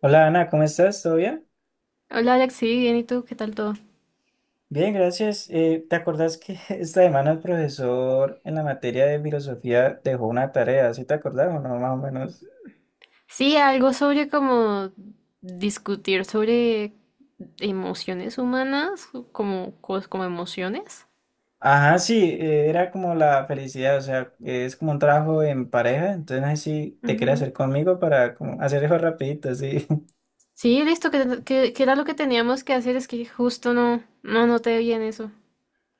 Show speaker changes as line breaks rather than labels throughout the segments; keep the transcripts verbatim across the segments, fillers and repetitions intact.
Hola Ana, ¿cómo estás? ¿Todo bien?
Hola Alex, sí, bien, ¿y tú? ¿Qué tal todo?
Bien, gracias. Eh, ¿te acordás que esta semana el profesor en la materia de filosofía dejó una tarea? ¿Sí te acordás o no, más o menos?
Sí, algo sobre como discutir sobre emociones humanas, como, cos- como emociones.
Ajá, sí, eh, era como la felicidad, o sea, es como un trabajo en pareja, entonces no sé si te quieres
Ujú.
hacer conmigo para como hacer eso rapidito, sí.
Sí, listo, que, que- que era lo que teníamos que hacer, es que justo no, no noté bien eso.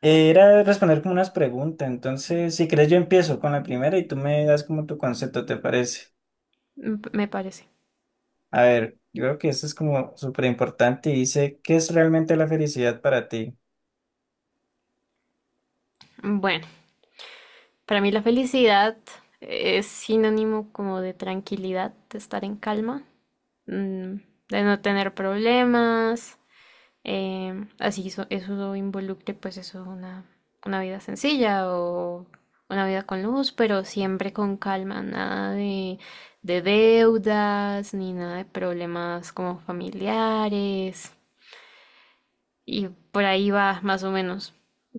Eh, Era responder como unas preguntas, entonces si quieres yo empiezo con la primera y tú me das como tu concepto, ¿te parece?
m- Me parece.
A ver, yo creo que esto es como súper importante y dice, ¿qué es realmente la felicidad para ti?
Bueno, para mí la felicidad es sinónimo como de tranquilidad, de estar en calma, mm, de no tener problemas. Em, así eso, eso involucre pues eso, una, una vida sencilla o una vida con luz, pero siempre con calma, nada de, de deudas ni nada de problemas como familiares. Y por ahí va más o menos.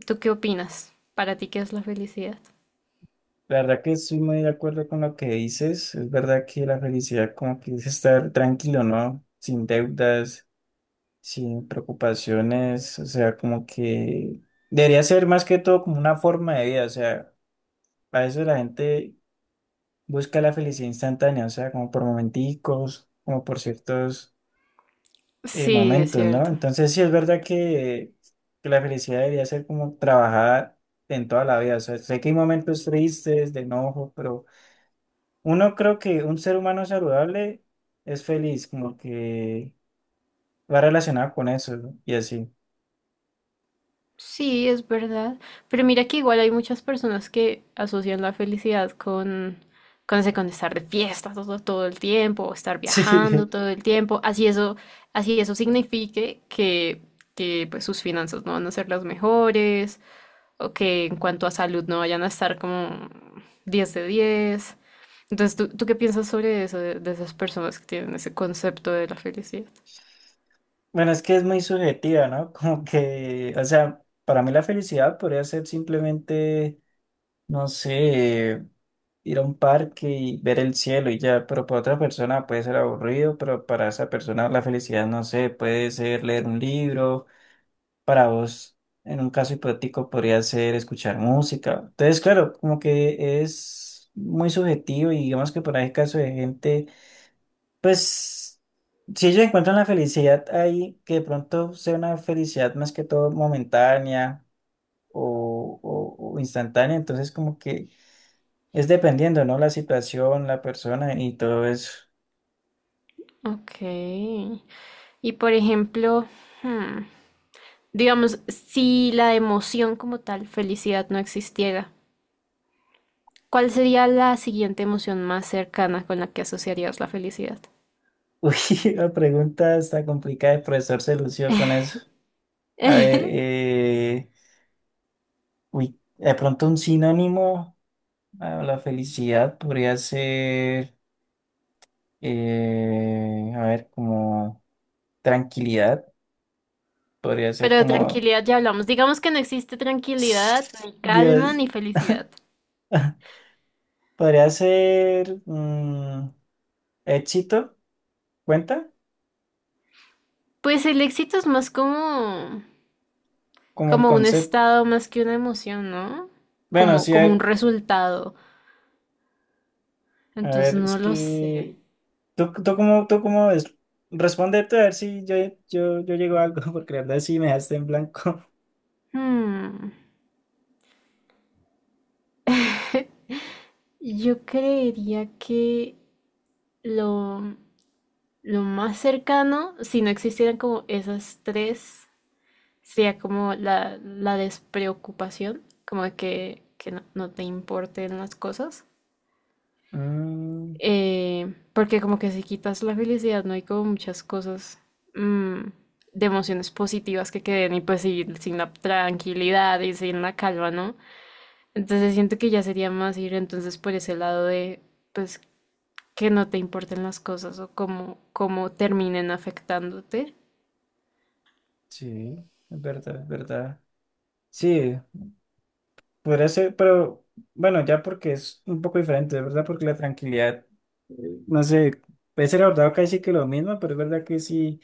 ¿Tú qué opinas? ¿Para ti qué es la felicidad?
La verdad que estoy muy de acuerdo con lo que dices. Es verdad que la felicidad como que es estar tranquilo, ¿no? Sin deudas, sin preocupaciones. O sea, como que debería ser más que todo como una forma de vida. O sea, a veces la gente busca la felicidad instantánea, o sea, como por momenticos, como por ciertos eh,
Sí, es
momentos, ¿no?
cierto.
Entonces sí es verdad que, que la felicidad debería ser como trabajada en toda la vida. O sea, sé que hay momentos tristes, de enojo, pero... Uno creo que un ser humano saludable es feliz, como que va relacionado con eso, ¿no? Y así.
Sí, es verdad. Pero mira que igual hay muchas personas que asocian la felicidad con, con, ese, con estar de fiesta todo, todo el tiempo, o estar
Sí,
viajando todo el tiempo. Así eso, así eso signifique que, que pues, sus finanzas no van a ser las mejores, o que en cuanto a salud no vayan a estar como diez de diez. Entonces, ¿tú, tú qué piensas sobre eso, de, de esas personas que tienen ese concepto de la felicidad?
bueno, es que es muy subjetiva, ¿no? Como que, o sea, para mí la felicidad podría ser simplemente, no sé, ir a un parque y ver el cielo y ya, pero para otra persona puede ser aburrido, pero para esa persona la felicidad, no sé, puede ser leer un libro para vos, en un caso hipotético, podría ser escuchar música. Entonces, claro, como que es muy subjetivo y digamos que por ahí caso de gente, pues, si ellos encuentran la felicidad ahí, que de pronto sea una felicidad más que todo momentánea o, o- o instantánea, entonces como que es dependiendo, ¿no? La situación, la persona y todo eso.
Ok. Y por ejemplo, hmm, digamos, si la emoción como tal, felicidad, no existiera, ¿cuál sería la siguiente emoción más cercana con la que asociarías la felicidad?
Uy, la pregunta está complicada, el profesor se lució con eso. A ver, eh... Uy, de pronto un sinónimo a la felicidad podría ser, eh, a ver, como tranquilidad, podría ser
Pero de
como,
tranquilidad ya hablamos. Digamos que no existe tranquilidad, ni calma,
Dios,
ni felicidad.
podría ser mm, éxito, ¿cuenta?
Pues el éxito es más como,
Como el
como un
concepto.
estado más que una emoción, ¿no?
Bueno,
Como,
sí, a
como
ver,
un resultado.
a
Entonces
ver, es
no lo sé.
que tú, tú cómo, tú cómo ves? Responde tú a ver si yo, yo, yo llego a algo, porque la verdad sí me dejaste en blanco.
Hmm, Yo creería que lo, lo más cercano, si no existieran como esas tres, sería como la, la despreocupación, como de que, que no, no te importen las cosas.
Mm,
Eh, porque como que si quitas la felicidad, no hay como muchas cosas, mm, de emociones positivas que queden y pues sin, sin la tranquilidad y sin la calma, ¿no? Entonces siento que ya sería más ir entonces por ese lado de pues que no te importen las cosas o cómo, cómo terminen afectándote.
sí. Es verdad, es verdad. Sí, podría ser, pero bueno, ya porque es un poco diferente, es verdad, porque la tranquilidad, eh, no sé, puede ser abordado casi que lo mismo, pero es verdad que sí,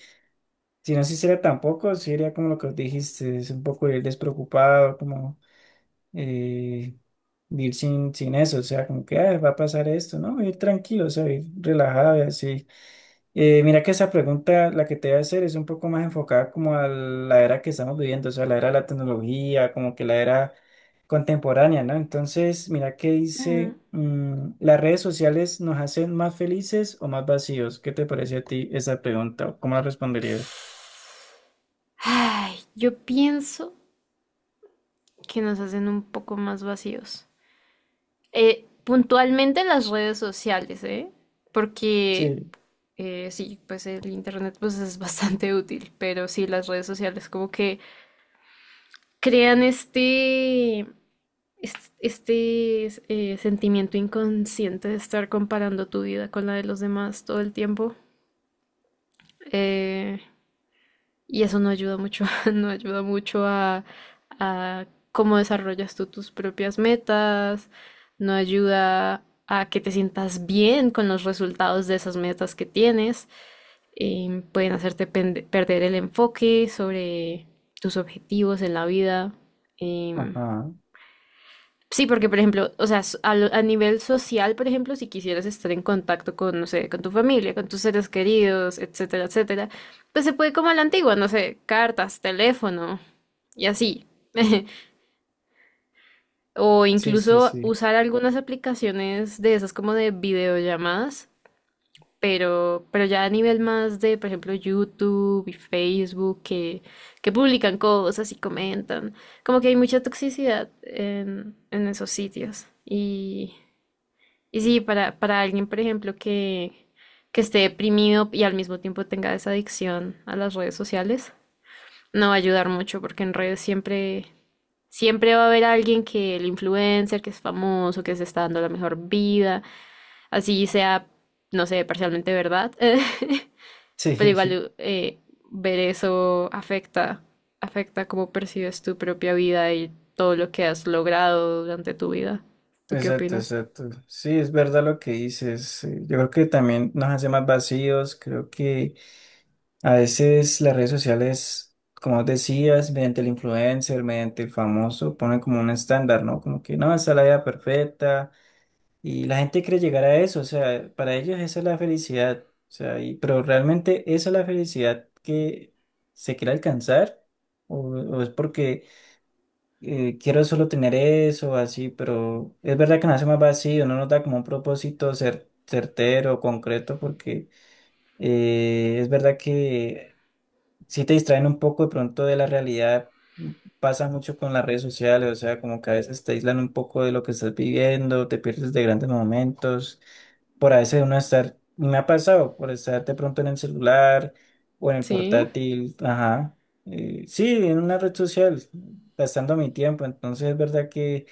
si no se hiciera tampoco, sí sería como lo que dijiste, es un poco ir despreocupado, como eh, ir sin, sin eso, o sea, como que "Ay, va a pasar esto, ¿no? Ir tranquilo, o sea, ir relajado y así. Eh, mira que esa pregunta, la que te voy a hacer, es un poco más enfocada como a la era que estamos viviendo, o sea, la era de la tecnología, como que la era contemporánea, ¿no? Entonces, mira, ¿qué dice,
Ujú.
mm, ¿las redes sociales nos hacen más felices o más vacíos? ¿Qué te parece a ti esa pregunta? ¿Cómo la responderías?
Ay, yo pienso que nos hacen un poco más vacíos. Eh, puntualmente las redes sociales, ¿eh? Porque
Sí,
eh, sí, pues el internet pues es bastante útil, pero sí, las redes sociales como que crean este, est- este, eh, sentimiento inconsciente de estar comparando tu vida con la de los demás todo el tiempo. Eh, Y eso no ayuda mucho, no ayuda mucho a, a cómo desarrollas tú tus propias metas, no ayuda a que te sientas bien con los resultados de esas metas que tienes. Em, pueden hacerte pende- perder el enfoque sobre tus objetivos en la vida. em,
ajá,
Sí, porque por ejemplo, o sea, s- al- a, nivel social, por ejemplo, si quisieras estar en contacto con, no sé, con tu familia, con tus seres queridos, etcétera, etcétera, pues se puede como a la antigua, no sé, cartas, teléfono y así. O
sí, sí,
incluso
sí.
usar algunas aplicaciones de esas como de videollamadas, pero, pero ya a nivel más de, por ejemplo, YouTube y Facebook que, que publican cosas y comentan. Como que hay mucha toxicidad en, en esos sitios. Y sí, para, para alguien, por ejemplo, que, que esté deprimido y al mismo tiempo tenga esa adicción a las redes sociales, no va a ayudar mucho porque en redes siempre, siempre va a haber alguien que el influencer, que es famoso, que se está dando la mejor vida, así sea, no sé, parcialmente verdad,
Sí,
pero igual eh, ver eso afecta, afecta cómo percibes tu propia vida y todo lo que has logrado durante tu vida. ¿Tú qué
exacto,
opinas?
exacto. Sí, es verdad lo que dices. Eh, Yo creo que también nos hace más vacíos. Creo que a veces las redes sociales, como decías, mediante el influencer, mediante el famoso, ponen como un estándar, ¿no? Como que no, esa es la vida perfecta. Y la gente quiere llegar a eso. O sea, para ellos esa es la felicidad. O sea, y- pero realmente esa es la felicidad que se quiere alcanzar. O, o es porque eh, quiero solo tener eso, así, pero es verdad que nos hace más vacío, no nos da como un propósito cer- certero, concreto, porque eh, es verdad que si te distraen un poco de pronto de la realidad. Pasa mucho con las redes sociales, o sea, como que a veces te aíslan un poco de lo que estás viviendo, te pierdes de grandes momentos. Por a veces uno estar, me ha pasado, por estar de pronto en el celular o en el
Sí.
portátil, ajá. eh, sí, en una red social, gastando mi tiempo. Entonces es verdad que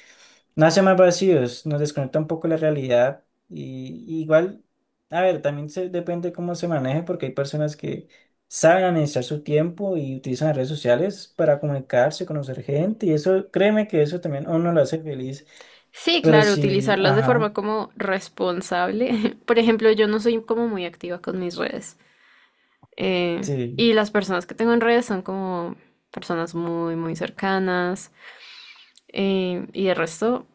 nace más vacíos, nos desconecta un poco la realidad y, y igual, a ver, también se, depende cómo se maneje porque hay personas que saben administrar su tiempo y utilizan las redes sociales para comunicarse, conocer gente y eso, créeme que eso también a uno lo hace feliz,
Sí,
pero
claro,
sí,
utilizarlas de forma
ajá,
como responsable. Por ejemplo, yo no soy como muy activa con mis redes. eh,
sí,
y las personas que tengo en redes son como personas muy, muy cercanas. Eh, y el resto,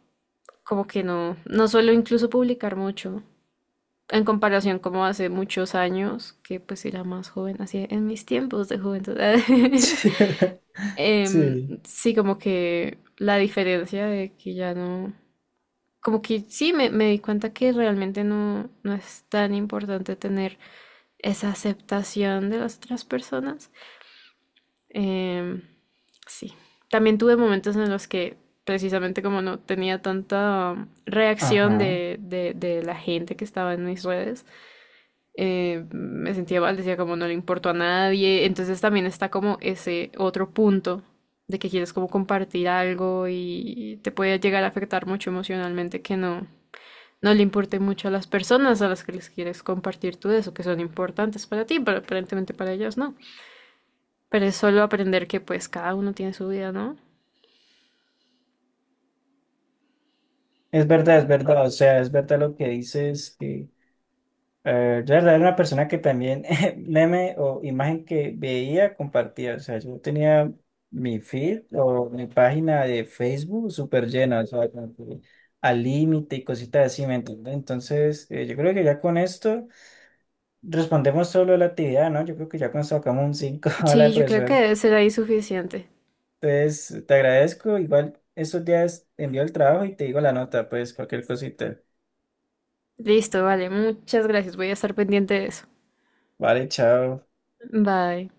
como que no, no suelo incluso publicar mucho. En comparación como hace muchos años, que pues era más joven, así en mis tiempos de juventud.
sí,
Em,
sí,
sí, como que la diferencia de que ya no, como que sí, me, me di cuenta que realmente no, no es tan importante tener esa aceptación de las otras personas. Em, sí. También tuve momentos en los que precisamente como no tenía tanta reacción
ajá,
de, de- de la gente que estaba en mis redes. Eh, me sentía mal, decía como no le importo a nadie. Entonces también está como ese otro punto de que quieres como compartir algo y te puede llegar a afectar mucho emocionalmente que no, no le importe mucho a las personas a las que les quieres compartir tú eso, que son importantes para ti, pero aparentemente para ellos no. Pero es solo aprender que pues cada uno tiene su vida, ¿no?
es verdad, es verdad, o sea, es verdad lo que dices. Eh, yo la verdad era una persona que también meme o imagen que veía, compartía. O sea, yo tenía mi feed o mi página de Facebook súper llena, o sea, como que al límite y cositas así, ¿me entiendes? Entonces, eh, yo creo que ya con esto respondemos solo la actividad, ¿no? Yo creo que ya con esto sacamos un cinco a la de
Sí, yo creo que
profesor.
debe ser ahí suficiente.
Entonces, te agradezco. Igual estos días te envío el trabajo y te digo la nota, pues cualquier cosita.
Listo, vale, muchas gracias, voy a estar pendiente de eso.
Vale, chao.
Bye.